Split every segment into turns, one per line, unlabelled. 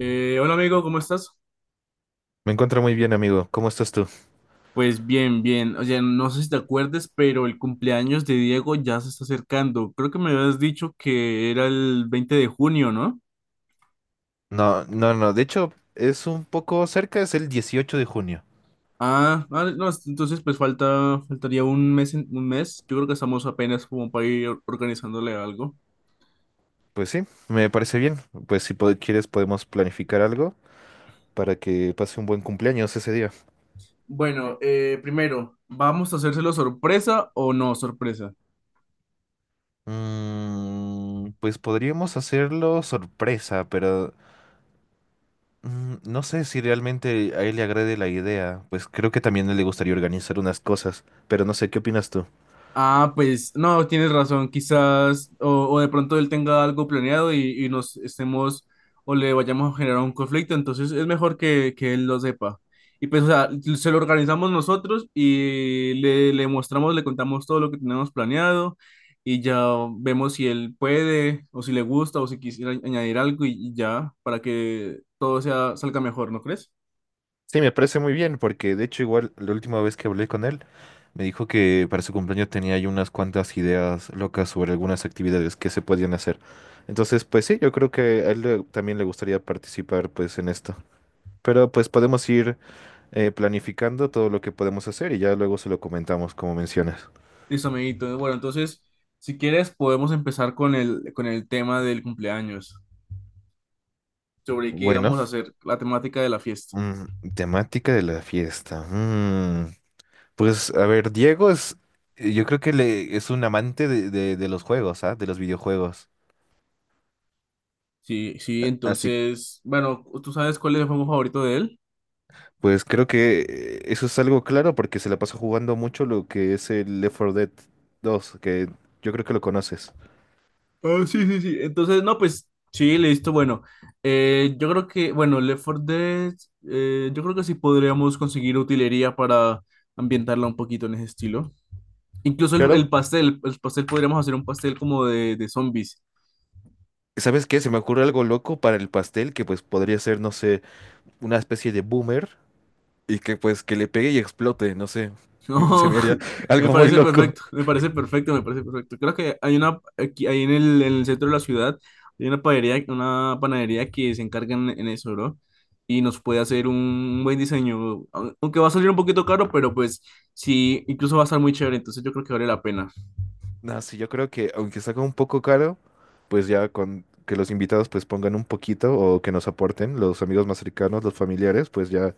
Hola amigo, ¿cómo estás?
Me encuentro muy bien, amigo. ¿Cómo estás tú?
Pues bien, bien. Oye, no sé si te acuerdes, pero el cumpleaños de Diego ya se está acercando. Creo que me habías dicho que era el 20 de junio, ¿no?
No, no, no. De hecho, es un poco cerca, es el dieciocho de junio.
Ah, ah, no, entonces pues faltaría 1 mes, 1 mes. Yo creo que estamos apenas como para ir organizándole algo.
Pues sí, me parece bien. Si quieres podemos planificar algo para que pase un buen cumpleaños ese día.
Bueno, primero, ¿vamos a hacérselo sorpresa o no sorpresa?
Pues podríamos hacerlo sorpresa, pero no sé si realmente a él le agrade la idea. Pues creo que también le gustaría organizar unas cosas, pero no sé, ¿qué opinas tú?
Ah, pues no, tienes razón, quizás o de pronto él tenga algo planeado y nos estemos o le vayamos a generar un conflicto, entonces es mejor que él lo sepa. Y pues, o sea, se lo organizamos nosotros y le mostramos, le contamos todo lo que tenemos planeado y ya vemos si él puede o si le gusta o si quisiera añadir algo y ya para que todo salga mejor, ¿no crees?
Sí, me parece muy bien, porque de hecho igual la última vez que hablé con él, me dijo que para su cumpleaños tenía ahí unas cuantas ideas locas sobre algunas actividades que se podían hacer. Entonces, pues sí, yo creo que también le gustaría participar pues en esto. Pero pues podemos ir planificando todo lo que podemos hacer y ya luego se lo comentamos como mencionas.
Listo, amiguito. Bueno, entonces, si quieres, podemos empezar con con el tema del cumpleaños, sobre qué
Bueno,
vamos a hacer, la temática de la fiesta.
temática de la fiesta. Pues a ver, yo creo que es un amante de, de los juegos, ¿ah? De los videojuegos.
Sí, sí,
Así.
entonces, bueno, ¿tú sabes cuál es el juego favorito de él?
Pues creo que eso es algo claro porque se la pasa jugando mucho lo que es el Left 4 Dead 2, que yo creo que lo conoces.
Ah, sí, sí, sí. Entonces, no, pues sí, listo. Bueno, yo creo que, bueno, Left 4 Dead, yo creo que sí podríamos conseguir utilería para ambientarla un poquito en ese estilo. Incluso
Claro.
el pastel podríamos hacer un pastel como de zombies.
¿Sabes qué? Se me ocurre algo loco para el pastel que pues podría ser, no sé, una especie de boomer y que pues que le pegue y explote, no sé. Se
No,
me haría
me
algo muy
parece
loco.
perfecto, me parece perfecto, me parece perfecto. Creo que hay una, aquí, ahí en en el centro de la ciudad, hay una panadería que se encarga en eso, ¿no? Y nos puede hacer un buen diseño, aunque va a salir un poquito caro, pero pues sí, incluso va a estar muy chévere, entonces yo creo que vale la pena.
No, sí, yo creo que aunque salga un poco caro, pues ya con que los invitados pues pongan un poquito o que nos aporten, los amigos más cercanos, los familiares, pues ya.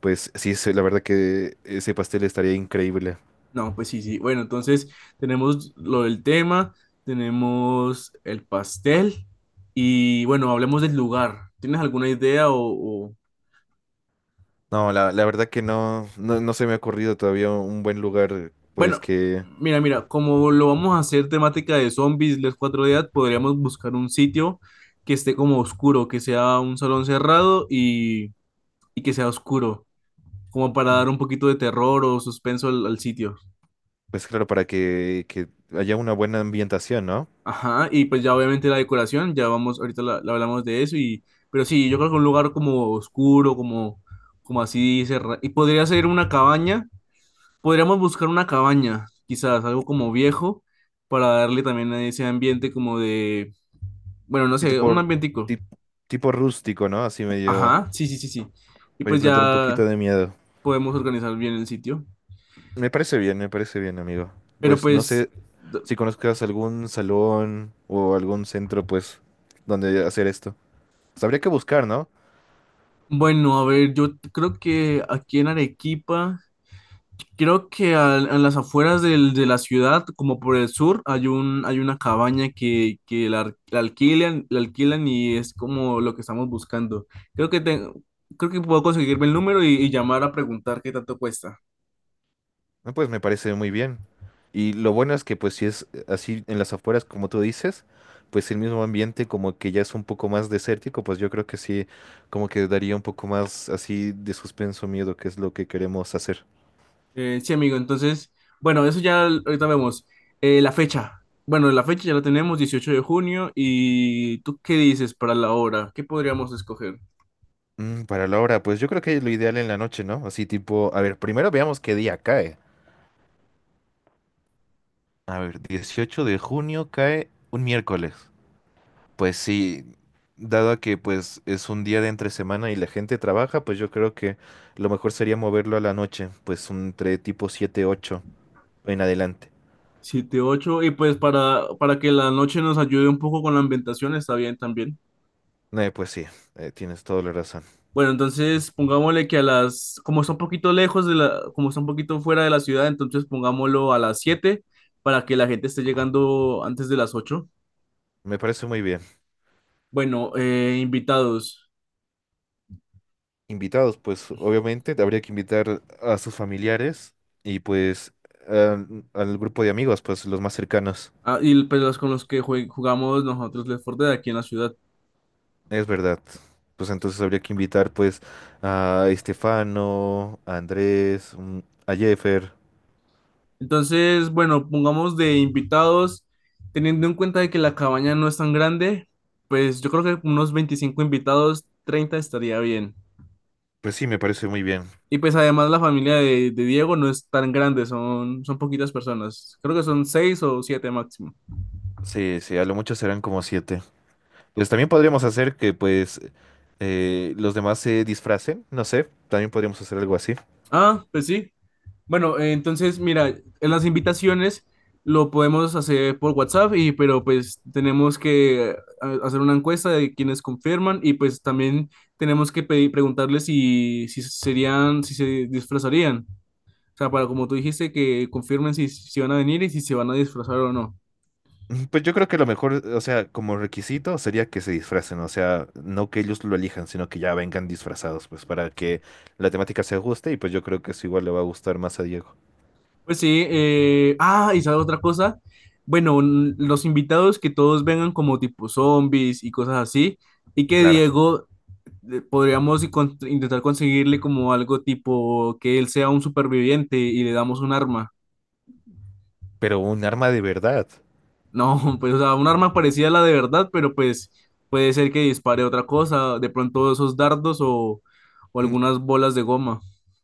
Pues sí, sí, la verdad que ese pastel estaría increíble.
No, pues sí, sí. Bueno, entonces tenemos lo del tema, tenemos el pastel y bueno, hablemos del lugar. ¿Tienes alguna idea o?
No, la verdad que no, no, no se me ha ocurrido todavía un buen lugar, pues
Bueno,
que,
mira, mira, como lo vamos a hacer temática de zombies, les 4 días, podríamos buscar un sitio que esté como oscuro, que sea un salón cerrado y que sea oscuro, como para dar un poquito de terror o suspenso al sitio.
pues claro, para que haya una buena ambientación, ¿no?
Ajá, y pues ya obviamente la decoración, ya vamos, ahorita la hablamos de eso, y, pero sí, yo creo que un lugar como oscuro, como, como así cerrado, y podría ser una cabaña. Podríamos buscar una cabaña, quizás algo como viejo, para darle también a ese ambiente como de, bueno, no
Sí.
sé, un ambientico.
Tip- Tipo rústico, ¿no? Así medio,
Ajá, sí, sí, sí, sí. Y
para
pues
implantar un poquito
ya
de miedo.
podemos organizar bien el sitio.
Me parece bien, amigo.
Pero
Pues no
pues,
sé
d-
si conozcas algún salón o algún centro, pues, donde hacer esto. Pues, habría que buscar, ¿no?
bueno, a ver, yo creo que aquí en Arequipa... Creo que las afueras de la ciudad, como por el sur, hay un, hay una cabaña que la, la alquilan y es como lo que estamos buscando. Creo que tengo, creo que puedo conseguirme el número y llamar a preguntar qué tanto cuesta.
No, pues me parece muy bien. Y lo bueno es que pues si es así en las afueras como tú dices, pues el mismo ambiente como que ya es un poco más desértico, pues yo creo que sí, como que daría un poco más así de suspenso, miedo, que es lo que queremos hacer.
Sí, amigo, entonces, bueno, eso ya ahorita vemos. La fecha. Bueno, la fecha ya la tenemos, 18 de junio. ¿Y tú qué dices para la hora? ¿Qué podríamos escoger?
Para la hora, pues yo creo que lo ideal en la noche, ¿no? Así tipo, a ver, primero veamos qué día cae. A ver, 18 de junio cae un miércoles. Pues sí, dado a que pues es un día de entre semana y la gente trabaja, pues yo creo que lo mejor sería moverlo a la noche, pues entre tipo siete ocho en adelante.
Siete, ocho y pues para que la noche nos ayude un poco con la ambientación, está bien también.
Pues sí, tienes toda la razón.
Bueno, entonces pongámosle que a las, como está un poquito lejos de la, como está un poquito fuera de la ciudad, entonces pongámoslo a las 7 para que la gente esté llegando antes de las 8.
Me parece muy bien.
Bueno, invitados,
Invitados, pues obviamente habría que invitar a sus familiares y pues al grupo de amigos, pues los más cercanos.
ah, y pues los con los que jugamos nosotros Left 4 Dead aquí en la ciudad.
Es verdad. Pues entonces habría que invitar pues a Estefano, a Andrés, a Jeffer.
Entonces, bueno, pongamos de invitados, teniendo en cuenta de que la cabaña no es tan grande, pues yo creo que unos 25 invitados, 30 estaría bien.
Pues sí, me parece muy bien.
Y pues además la familia de Diego no es tan grande, son, son poquitas personas. Creo que son 6 o 7 máximo.
Sí, sí, a lo mucho serán como siete. Pues también podríamos hacer que pues los demás se disfracen, no sé, también podríamos hacer algo así.
Ah, pues sí. Bueno, entonces mira, en las invitaciones lo podemos hacer por WhatsApp y pero pues tenemos que hacer una encuesta de quienes confirman y pues también tenemos que pedir, preguntarles si serían, si se disfrazarían. O sea, para como tú dijiste, que confirmen si van a venir y si se van a disfrazar o no.
Pues yo creo que lo mejor, o sea, como requisito sería que se disfracen, o sea, no que ellos lo elijan, sino que ya vengan disfrazados, pues para que la temática se ajuste y pues yo creo que eso igual le va a gustar más a Diego.
Pues sí, ah, y sabes otra cosa, bueno, los invitados que todos vengan como tipo zombies y cosas así, y que
Claro,
Diego podríamos y intentar conseguirle como algo tipo que él sea un superviviente y le damos un arma.
pero un arma de verdad.
No, pues o sea, un arma parecida a la de verdad, pero pues puede ser que dispare otra cosa, de pronto esos dardos o
Mm,
algunas bolas de goma.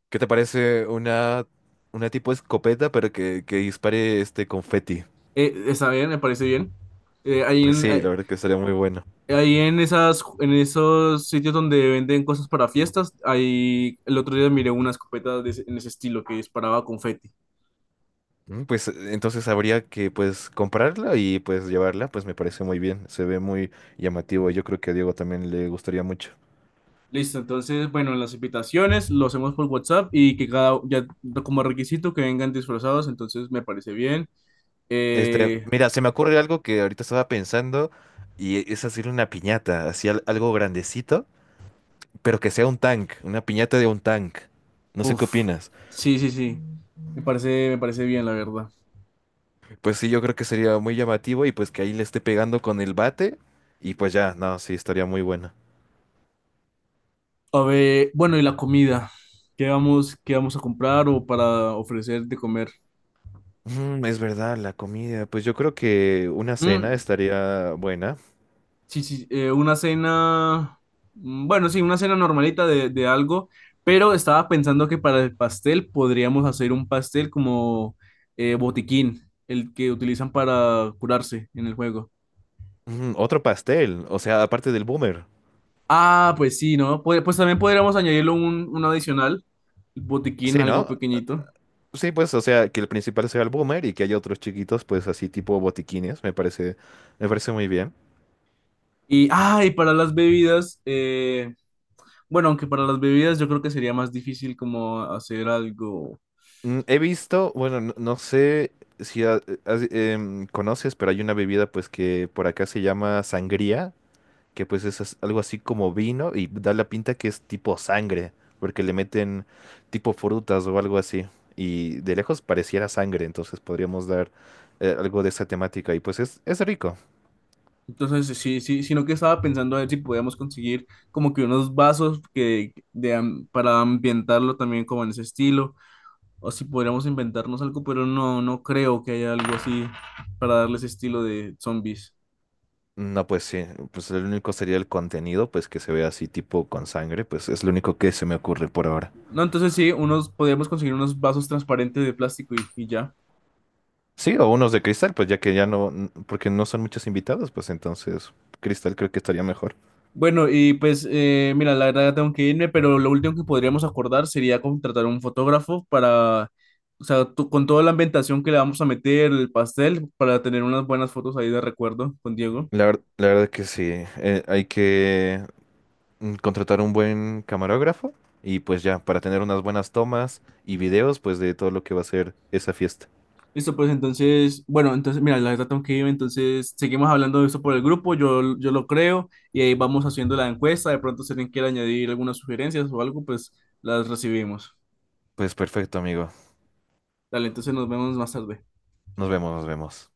¿Qué te parece una tipo escopeta pero que dispare este confeti?
Está bien, me parece bien. Eh, ahí
Pues
en-
sí, la verdad que sería muy bueno.
Ahí en esas, en esos sitios donde venden cosas para fiestas, ahí el otro día miré una escopeta de en ese estilo que disparaba confeti.
Pues entonces habría que pues comprarla y pues llevarla, pues me parece muy bien, se ve muy llamativo, yo creo que a Diego también le gustaría mucho.
Listo, entonces, bueno, las invitaciones lo hacemos por WhatsApp y que cada, ya como requisito que vengan disfrazados, entonces me parece bien.
Este,
Eh,
mira, se me ocurre algo que ahorita estaba pensando y es hacer una piñata, así algo grandecito, pero que sea un tank, una piñata de un tank. No sé qué
uf,
opinas.
sí, sí, sí, me parece bien, la verdad.
Pues sí, yo creo que sería muy llamativo y pues que ahí le esté pegando con el bate y pues ya, no, sí, estaría muy bueno.
A ver, bueno, y la comida, qué vamos a comprar o para ofrecer de comer?
Es verdad, la comida, pues yo creo que una cena
Mm,
estaría buena.
sí, sí, una cena, mm, bueno, sí, una cena normalita de algo, pero estaba pensando que para el pastel podríamos hacer un pastel como botiquín, el que utilizan para curarse en el juego.
Otro pastel, o sea, aparte del boomer.
Ah, pues sí, ¿no? Pues también podríamos añadirlo un adicional, botiquín,
Sí,
algo
¿no?
pequeñito.
Sí, pues, o sea, que el principal sea el boomer y que haya otros chiquitos, pues, así tipo botiquines, me parece muy bien.
Y, ah, y para las bebidas, bueno, aunque para las bebidas yo creo que sería más difícil como hacer algo.
He visto, bueno, no, no sé si conoces, pero hay una bebida, pues, que por acá se llama sangría, que pues es algo así como vino y da la pinta que es tipo sangre, porque le meten tipo frutas o algo así. Y de lejos pareciera sangre, entonces podríamos dar algo de esa temática y pues es rico.
Entonces, sí, sí, sino que estaba pensando a ver si podíamos conseguir como que unos vasos que, de, para ambientarlo también como en ese estilo, o si podríamos inventarnos algo, pero no, no creo que haya algo así para darle ese estilo de zombies.
No, pues sí, pues el único sería el contenido, pues que se vea así tipo con sangre, pues es lo único que se me ocurre por ahora.
No, entonces sí, unos, podríamos conseguir unos vasos transparentes de plástico y ya.
Sí, o unos de cristal, pues ya que ya no, porque no son muchos invitados, pues entonces cristal creo que estaría mejor.
Bueno, y pues mira, la verdad ya tengo que irme, pero lo último que podríamos acordar sería contratar un fotógrafo para, o sea, con toda la ambientación que le vamos a meter, el pastel, para tener unas buenas fotos ahí de recuerdo con Diego.
La verdad que sí, hay que contratar un buen camarógrafo y pues ya, para tener unas buenas tomas y videos, pues de todo lo que va a ser esa fiesta.
Listo, pues entonces, bueno, entonces mira, la verdad tengo que irme, entonces seguimos hablando de esto por el grupo, yo lo creo, y ahí vamos haciendo la encuesta, de pronto si alguien quiere añadir algunas sugerencias o algo, pues las recibimos.
Pues perfecto, amigo.
Dale, entonces nos vemos más tarde.
Nos vemos, nos vemos.